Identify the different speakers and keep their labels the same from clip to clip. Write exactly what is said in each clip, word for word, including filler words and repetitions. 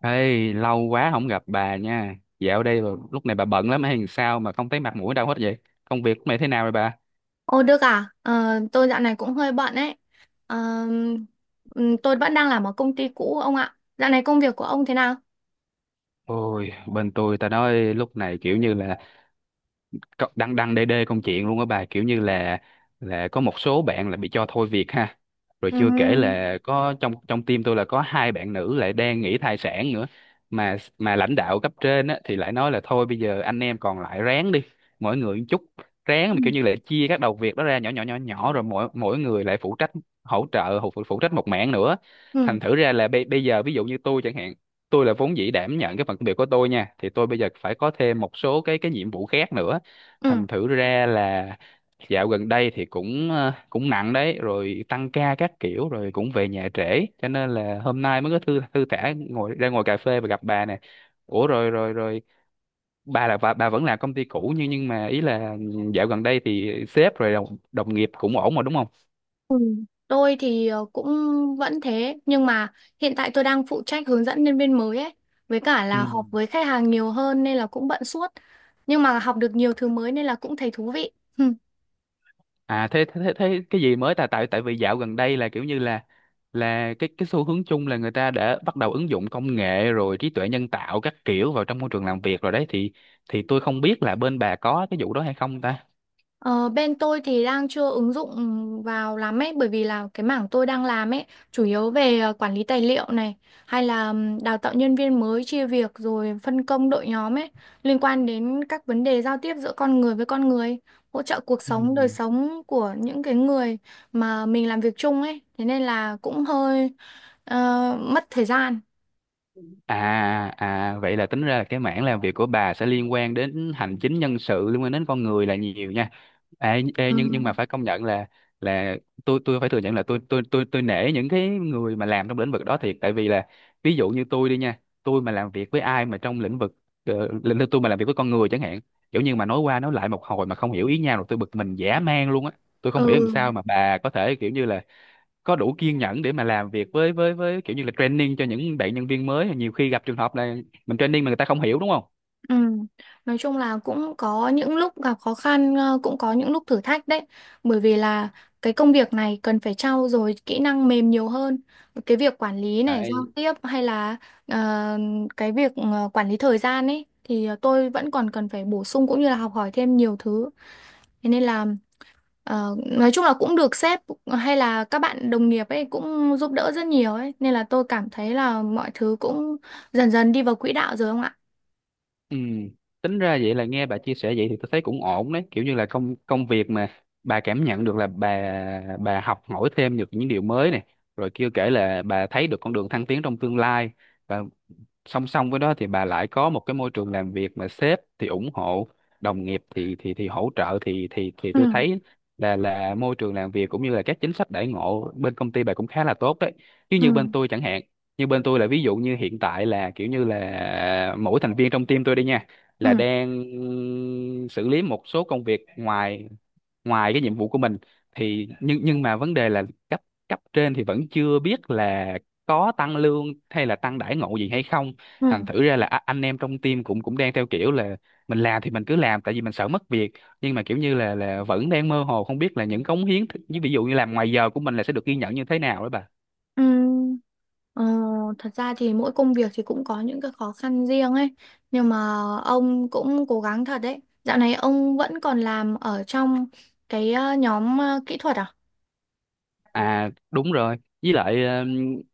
Speaker 1: Ê, lâu quá không gặp bà nha. Dạo đây bà- lúc này bà bận lắm hay làm sao mà không thấy mặt mũi đâu hết vậy? Công việc của mày thế nào rồi bà?
Speaker 2: Ô Đức à, Ờ, tôi dạo này cũng hơi bận ấy. Ờ, ừm, tôi vẫn đang làm ở công ty cũ ông ạ. Dạo này công việc của ông thế nào?
Speaker 1: Ôi, bên tôi ta nói lúc này kiểu như là có- đăng đăng đê đê công chuyện luôn á bà, kiểu như là là có một số bạn là bị cho thôi việc ha, rồi chưa kể
Speaker 2: Ừ.
Speaker 1: là có trong trong team tôi là có hai bạn nữ lại đang nghỉ thai sản nữa. Mà mà lãnh đạo cấp trên á thì lại nói là thôi bây giờ anh em còn lại ráng đi, mỗi người một chút, ráng
Speaker 2: Ừ.
Speaker 1: mà kiểu như là chia các đầu việc đó ra nhỏ nhỏ nhỏ nhỏ rồi mỗi mỗi người lại phụ trách hỗ trợ phụ phụ trách một mảng nữa.
Speaker 2: Ừ,
Speaker 1: Thành thử ra là bây bây giờ ví dụ như tôi chẳng hạn, tôi là vốn dĩ đảm nhận cái phần công việc của tôi nha, thì tôi bây giờ phải có thêm một số cái cái nhiệm vụ khác nữa.
Speaker 2: ừ.
Speaker 1: Thành thử ra là dạo gần đây thì cũng ờ, cũng nặng đấy, rồi tăng ca các kiểu, rồi cũng về nhà trễ, cho nên là hôm nay mới có thư thư thả ngồi ra ngồi cà phê và gặp bà nè. Ủa rồi rồi rồi, bà là bà, bà vẫn làm công ty cũ, nhưng nhưng mà ý là dạo gần đây thì sếp rồi đồng, đồng nghiệp cũng ổn mà đúng không?
Speaker 2: Ừ. Tôi thì ờ, cũng vẫn thế, nhưng mà hiện tại tôi đang phụ trách hướng dẫn nhân viên mới ấy, với cả
Speaker 1: Ừ.
Speaker 2: là họp với khách hàng nhiều hơn nên là cũng bận suốt. Nhưng mà học được nhiều thứ mới nên là cũng thấy thú vị.
Speaker 1: À thế, thế thế thế cái gì mới? Tại tại tại vì dạo gần đây là kiểu như là là cái cái xu hướng chung là người ta đã bắt đầu ứng dụng công nghệ rồi trí tuệ nhân tạo các kiểu vào trong môi trường làm việc rồi đấy, thì thì tôi không biết là bên bà có cái vụ đó hay không ta.
Speaker 2: Ờ, bên tôi thì đang chưa ứng dụng vào lắm ấy bởi vì là cái mảng tôi đang làm ấy chủ yếu về ờ, quản lý tài liệu này hay là ừm, đào tạo nhân viên mới chia việc rồi phân công đội nhóm ấy liên quan đến các vấn đề giao tiếp giữa con người với con người hỗ trợ cuộc
Speaker 1: Ừ.
Speaker 2: sống đời sống của những cái người mà mình làm việc chung ấy thế nên là cũng hơi ờ, mất thời gian.
Speaker 1: À à vậy là tính ra là cái mảng làm việc của bà sẽ liên quan đến hành chính nhân sự, liên quan đến con người là nhiều nha. Ê, ê,
Speaker 2: Ừ.
Speaker 1: nhưng nhưng mà phải công nhận là là tôi tôi phải thừa nhận là tôi tôi tôi tôi nể những cái người mà làm trong lĩnh vực đó thiệt, tại vì là ví dụ như tôi đi nha, tôi mà làm việc với ai mà trong lĩnh vực ờ, lĩnh vực tôi mà làm việc với con người chẳng hạn, kiểu như mà nói qua nói lại một hồi mà không hiểu ý nhau rồi tôi bực mình dã man luôn á. Tôi không hiểu làm
Speaker 2: Ừ.
Speaker 1: sao mà bà có thể kiểu như là có đủ kiên nhẫn để mà làm việc với với với kiểu như là training cho những bạn nhân viên mới, nhiều khi gặp trường hợp là mình training mà người ta không hiểu đúng không.
Speaker 2: Ừ. Nói chung là cũng có những lúc gặp khó khăn, ờ, cũng có những lúc thử thách đấy. Bởi vì là cái công việc này cần phải trau dồi kỹ năng mềm nhiều hơn. Cái việc quản lý này, giao
Speaker 1: Đấy.
Speaker 2: tiếp hay là ờ, cái việc ờ, quản lý thời gian ấy thì tôi vẫn còn cần phải bổ sung cũng như là học hỏi thêm nhiều thứ. Thế nên là ờ, nói chung là cũng được sếp hay là các bạn đồng nghiệp ấy cũng giúp đỡ rất nhiều ấy. Nên là tôi cảm thấy là mọi thứ cũng dần dần đi vào quỹ đạo rồi không ạ?
Speaker 1: Ừ. Tính ra vậy là nghe bà chia sẻ vậy thì tôi thấy cũng ổn đấy, kiểu như là công công việc mà bà cảm nhận được là bà bà học hỏi thêm được những điều mới này, rồi kêu kể là bà thấy được con đường thăng tiến trong tương lai, và song song với đó thì bà lại có một cái môi trường làm việc mà sếp thì ủng hộ, đồng nghiệp thì thì thì hỗ trợ, thì thì thì tôi
Speaker 2: Ừ.
Speaker 1: thấy là là môi trường làm việc cũng như là các chính sách đãi ngộ bên công ty bà cũng khá là tốt đấy, chứ như bên
Speaker 2: Ừ.
Speaker 1: tôi chẳng hạn, như bên tôi là ví dụ như hiện tại là kiểu như là mỗi thành viên trong team tôi đi nha là
Speaker 2: Ừ.
Speaker 1: đang xử lý một số công việc ngoài ngoài cái nhiệm vụ của mình, thì nhưng nhưng mà vấn đề là cấp cấp trên thì vẫn chưa biết là có tăng lương hay là tăng đãi ngộ gì hay không. Thành
Speaker 2: Ừ.
Speaker 1: thử ra là a- anh em trong team cũng cũng đang theo kiểu là mình làm thì mình cứ làm tại vì mình sợ mất việc, nhưng mà kiểu như là là vẫn đang mơ hồ không biết là những cống hiến ví dụ như làm ngoài giờ của mình là sẽ được ghi nhận như thế nào đó bà.
Speaker 2: Ừm, ờ, Thật ra thì mỗi công việc thì cũng có những cái khó khăn riêng ấy nhưng mà ông cũng cố gắng thật đấy. Dạo này ông vẫn còn làm ở trong cái ờ, nhóm ờ, kỹ thuật à?
Speaker 1: À đúng rồi. Với lại ờ,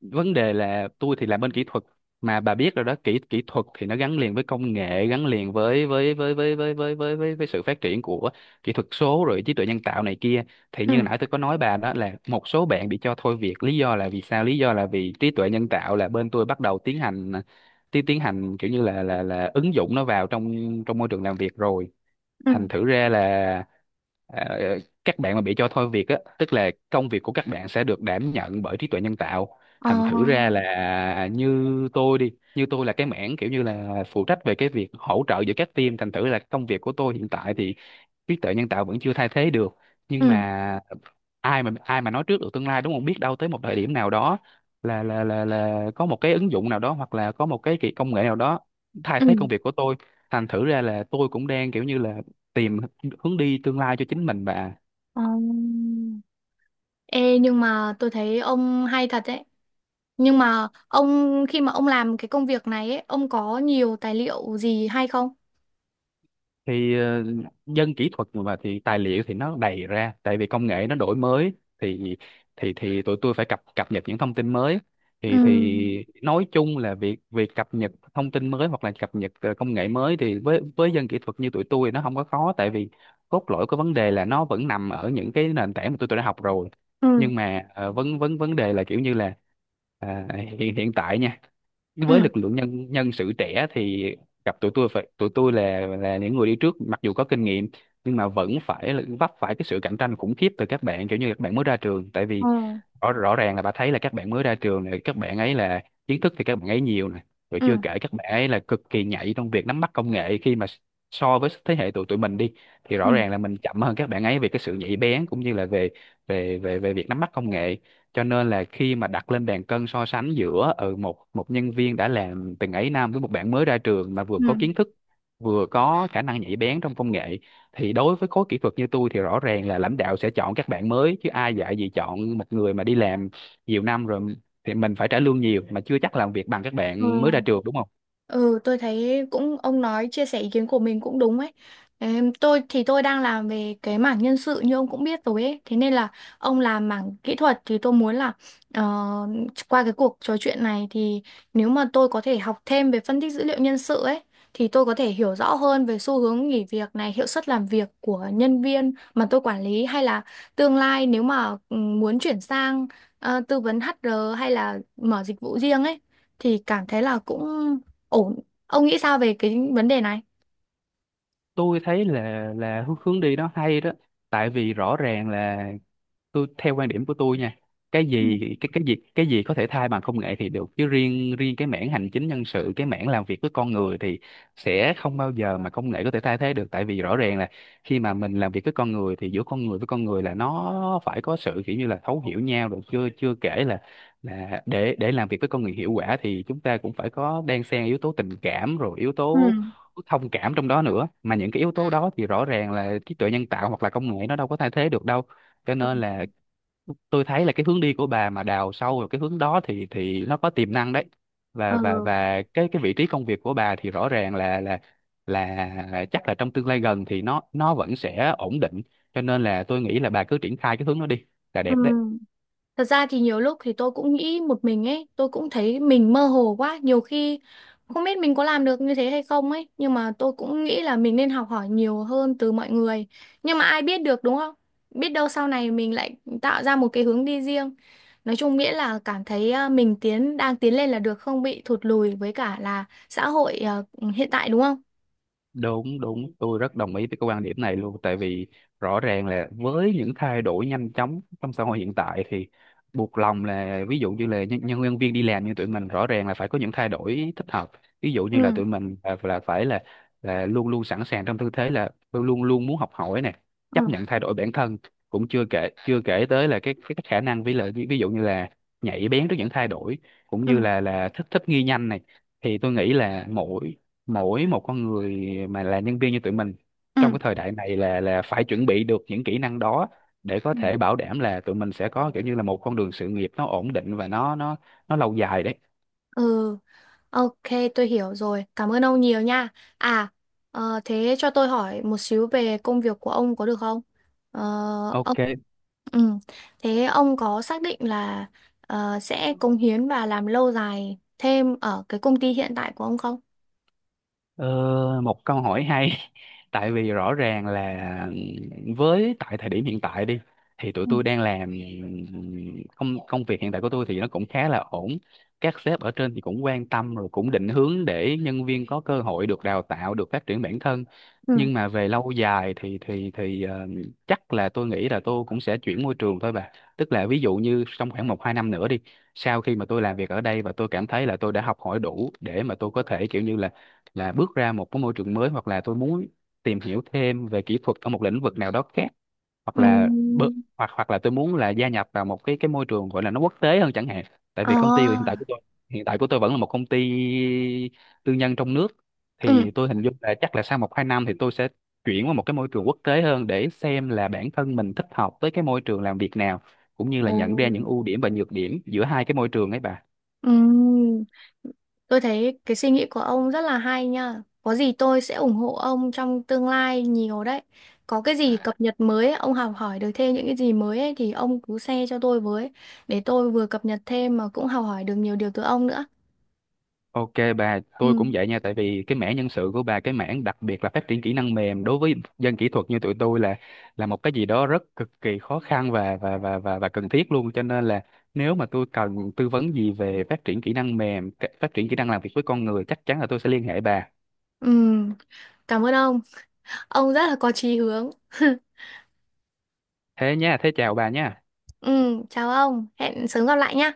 Speaker 1: vấn đề là tôi thì làm bên kỹ thuật, mà bà biết rồi đó, kỹ kỹ thuật thì nó gắn liền với công nghệ, gắn liền với với với với với với với với, với sự phát triển của kỹ thuật số rồi trí tuệ nhân tạo này kia. Thì
Speaker 2: Ừ.
Speaker 1: như nãy tôi có nói bà đó là một số bạn bị cho thôi việc lý do là vì sao? Lý do là vì trí tuệ nhân tạo là bên tôi bắt đầu tiến hành tiến tiến hành kiểu như là là là ứng dụng nó vào trong trong môi trường làm việc rồi.
Speaker 2: Ừ.
Speaker 1: Thành thử ra là ờ, các bạn mà bị cho thôi việc á tức là công việc của các bạn sẽ được đảm nhận bởi trí tuệ nhân tạo,
Speaker 2: ờ
Speaker 1: thành thử ra là như tôi đi, như tôi là cái mảng kiểu như là phụ trách về cái việc hỗ trợ giữa các team, thành thử là công việc của tôi hiện tại thì trí tuệ nhân tạo vẫn chưa thay thế được, nhưng
Speaker 2: ừ
Speaker 1: mà ai mà ai mà nói trước được tương lai đúng không, biết đâu tới một thời điểm nào đó là là là là có một cái ứng dụng nào đó hoặc là có một cái kỳ công nghệ nào đó thay
Speaker 2: ừ
Speaker 1: thế công việc của tôi. Thành thử ra là tôi cũng đang kiểu như là tìm hướng đi tương lai cho chính mình bà.
Speaker 2: ờ. Ê, nhưng mà tôi thấy ông hay thật đấy. Nhưng mà ông khi mà ông làm cái công việc này ấy ông có nhiều tài liệu gì hay không?
Speaker 1: Thì ờ, dân kỹ thuật mà thì tài liệu thì nó đầy ra tại vì công nghệ nó đổi mới, thì thì thì tụi tôi phải cập cập nhật những thông tin mới, thì
Speaker 2: ừ
Speaker 1: thì nói chung là việc việc cập nhật thông tin mới hoặc là cập nhật ờ, công nghệ mới thì với với dân kỹ thuật như tụi tôi nó không có khó, tại vì cốt lõi của vấn đề là nó vẫn nằm ở những cái nền tảng mà tụi tôi đã học rồi,
Speaker 2: ừ
Speaker 1: nhưng mà ờ, vấn vấn vấn đề là kiểu như là à, hiện hiện tại nha, với
Speaker 2: ừ
Speaker 1: lực lượng nhân nhân sự trẻ thì gặp tụi tôi phải tụi tôi là là những người đi trước mặc dù có kinh nghiệm, nhưng mà vẫn phải là vấp phải cái sự cạnh tranh khủng khiếp từ các bạn kiểu như các bạn mới ra trường, tại
Speaker 2: ờ
Speaker 1: vì rõ rõ ràng là bà thấy là các bạn mới ra trường này, các bạn ấy là kiến thức thì các bạn ấy nhiều này, rồi
Speaker 2: ừ
Speaker 1: chưa kể các bạn ấy là cực kỳ nhạy trong việc nắm bắt công nghệ khi mà so với thế hệ tụi tụi mình đi thì
Speaker 2: ừ
Speaker 1: rõ ràng là mình chậm hơn các bạn ấy về cái sự nhạy bén cũng như là về về về về việc nắm bắt công nghệ. Cho nên là khi mà đặt lên bàn cân so sánh giữa ừ, một một nhân viên đã làm từng ấy năm với một bạn mới ra trường mà vừa
Speaker 2: ừ
Speaker 1: có kiến thức vừa có khả năng nhạy bén trong công nghệ, thì đối với khối kỹ thuật như tôi thì rõ ràng là lãnh đạo sẽ chọn các bạn mới, chứ ai dạy gì chọn một người mà đi làm nhiều năm rồi thì mình phải trả lương nhiều mà chưa chắc làm việc bằng các
Speaker 2: Ừ.
Speaker 1: bạn mới ra trường đúng không.
Speaker 2: Ừ, tôi thấy cũng ông nói chia sẻ ý kiến của mình cũng đúng ấy. Em, tôi thì tôi đang làm về cái mảng nhân sự như ông cũng biết rồi ấy. Thế nên là ông làm mảng kỹ thuật thì tôi muốn là ờ, qua cái cuộc trò chuyện này thì nếu mà tôi có thể học thêm về phân tích dữ liệu nhân sự ấy thì tôi có thể hiểu rõ hơn về xu hướng nghỉ việc này, hiệu suất làm việc của nhân viên mà tôi quản lý, hay là tương lai nếu mà ừ, muốn chuyển sang ờ, tư vấn hát rờ hay là mở dịch vụ riêng ấy thì cảm thấy là cũng ổn. Ông nghĩ sao về cái vấn đề này?
Speaker 1: Tôi thấy là là hướng hướng đi đó hay đó, tại vì rõ ràng là tôi theo quan điểm của tôi nha, cái
Speaker 2: Ừ.
Speaker 1: gì cái cái gì cái gì có thể thay bằng công nghệ thì được, chứ riêng riêng cái mảng hành chính nhân sự, cái mảng làm việc với con người thì sẽ không bao giờ mà công nghệ có thể thay thế được, tại vì rõ ràng là khi mà mình làm việc với con người thì giữa con người với con người là nó phải có sự kiểu như là thấu hiểu nhau, rồi chưa chưa kể là là để để làm việc với con người hiệu quả thì chúng ta cũng phải có đan xen yếu tố tình cảm rồi yếu
Speaker 2: Ừ.
Speaker 1: tố thông cảm trong đó nữa, mà những cái yếu Ừ. tố đó thì rõ ràng là trí tuệ nhân tạo hoặc là công nghệ nó đâu có thay thế được đâu, cho
Speaker 2: Ừ.
Speaker 1: nên là tôi thấy là cái hướng đi của bà mà đào sâu vào cái hướng đó thì thì nó có tiềm năng đấy. và
Speaker 2: ờ
Speaker 1: và và cái cái vị trí công việc của bà thì rõ ràng là là là chắc là trong tương lai gần thì nó nó vẫn sẽ ổn định, cho nên là tôi nghĩ là bà cứ triển khai cái hướng đó đi, là
Speaker 2: ừ.
Speaker 1: đẹp đấy.
Speaker 2: Thật ra thì nhiều lúc thì tôi cũng nghĩ một mình ấy, tôi cũng thấy mình mơ hồ quá. Nhiều khi không biết mình có làm được như thế hay không ấy nhưng mà tôi cũng nghĩ là mình nên học hỏi nhiều hơn từ mọi người. Nhưng mà ai biết được đúng không, biết đâu sau này mình lại tạo ra một cái hướng đi riêng. Nói chung nghĩa là cảm thấy à, mình tiến đang tiến lên là được, không bị thụt lùi với cả là xã hội à, hiện tại đúng không?
Speaker 1: Đúng, đúng, tôi rất đồng ý với cái quan điểm này luôn, tại vì rõ ràng là với những thay đổi nhanh chóng trong xã hội hiện tại thì buộc lòng là ví dụ như là nhân, nhân nhân viên đi làm như tụi mình rõ ràng là phải có những thay đổi thích hợp. Ví dụ như là
Speaker 2: Ừ.
Speaker 1: tụi mình là, là phải là là luôn luôn sẵn sàng trong tư thế là luôn luôn muốn học hỏi nè, chấp
Speaker 2: Ừ.
Speaker 1: nhận thay đổi bản thân, cũng chưa kể chưa kể tới là cái cái, cái khả năng, với lại ví ví dụ như là nhạy bén trước những thay đổi cũng như
Speaker 2: Ừ.
Speaker 1: là là thích thích nghi nhanh này, thì tôi nghĩ là mỗi mỗi một con người mà là nhân viên như tụi mình trong cái thời đại này là là phải chuẩn bị được những kỹ năng đó để có
Speaker 2: Ừ.
Speaker 1: thể bảo đảm là tụi mình sẽ có kiểu như là một con đường sự nghiệp nó ổn định và nó nó nó lâu dài đấy.
Speaker 2: Ừ, ok, tôi hiểu rồi. Cảm ơn ông nhiều nha. À, ờ, Thế cho tôi hỏi một xíu về công việc của ông có được không? Ờ, ông,
Speaker 1: Ok.
Speaker 2: ừ, Thế ông có xác định là ờ, sẽ cống hiến và làm lâu dài thêm ở cái công ty hiện tại của ông không?
Speaker 1: Ờ, Một câu hỏi hay tại vì rõ ràng là với tại thời điểm hiện tại đi thì tụi
Speaker 2: Ừ.
Speaker 1: tôi đang làm công công việc hiện tại của tôi thì nó cũng khá là ổn, các sếp ở trên thì cũng quan tâm rồi cũng định hướng để nhân viên có cơ hội được đào tạo, được phát triển bản thân.
Speaker 2: Ừ.
Speaker 1: Nhưng mà về lâu dài thì thì thì ờ, chắc là tôi nghĩ là tôi cũng sẽ chuyển môi trường thôi bà, tức là ví dụ như trong khoảng một hai năm nữa đi, sau khi mà tôi làm việc ở đây và tôi cảm thấy là tôi đã học hỏi đủ để mà tôi có thể kiểu như là là bước ra một cái môi trường mới, hoặc là tôi muốn tìm hiểu thêm về kỹ thuật ở một lĩnh vực nào đó khác, hoặc
Speaker 2: Ừ.
Speaker 1: là bơ- hoặc hoặc là tôi muốn là gia nhập vào một cái cái môi trường gọi là nó quốc tế hơn chẳng hạn. Tại vì công ty hiện tại
Speaker 2: À,
Speaker 1: của tôi hiện tại của tôi vẫn là một công ty tư nhân trong nước,
Speaker 2: ừ,
Speaker 1: thì tôi hình dung là chắc là sau một hai năm thì tôi sẽ chuyển qua một cái môi trường quốc tế hơn để xem là bản thân mình thích hợp với cái môi trường làm việc nào, cũng như là
Speaker 2: Ồ.
Speaker 1: nhận ra những ưu điểm và nhược điểm giữa hai cái môi trường ấy bà.
Speaker 2: Ừ. Tôi thấy cái suy nghĩ của ông rất là hay nha. Có gì tôi sẽ ủng hộ ông trong tương lai nhiều đấy. Có cái gì cập nhật mới ấy, ông học hỏi được thêm những cái gì mới ấy, thì ông cứ share cho tôi với để tôi vừa cập nhật thêm mà cũng học hỏi được nhiều điều từ ông nữa.
Speaker 1: Ok bà, tôi cũng
Speaker 2: Ừ.
Speaker 1: vậy nha, tại vì cái mảng nhân sự của bà, cái mảng đặc biệt là phát triển kỹ năng mềm đối với dân kỹ thuật như tụi tôi là là một cái gì đó rất cực kỳ khó khăn và và và và và cần thiết luôn. Cho nên là nếu mà tôi cần tư vấn gì về phát triển kỹ năng mềm, cái- phát triển kỹ năng làm việc với con người, chắc chắn là tôi sẽ liên hệ bà.
Speaker 2: Ừ. Cảm ơn ông. Ông rất là có chí hướng.
Speaker 1: Thế nha, thế chào bà nha.
Speaker 2: Ừ. Chào ông. Hẹn sớm gặp lại nha.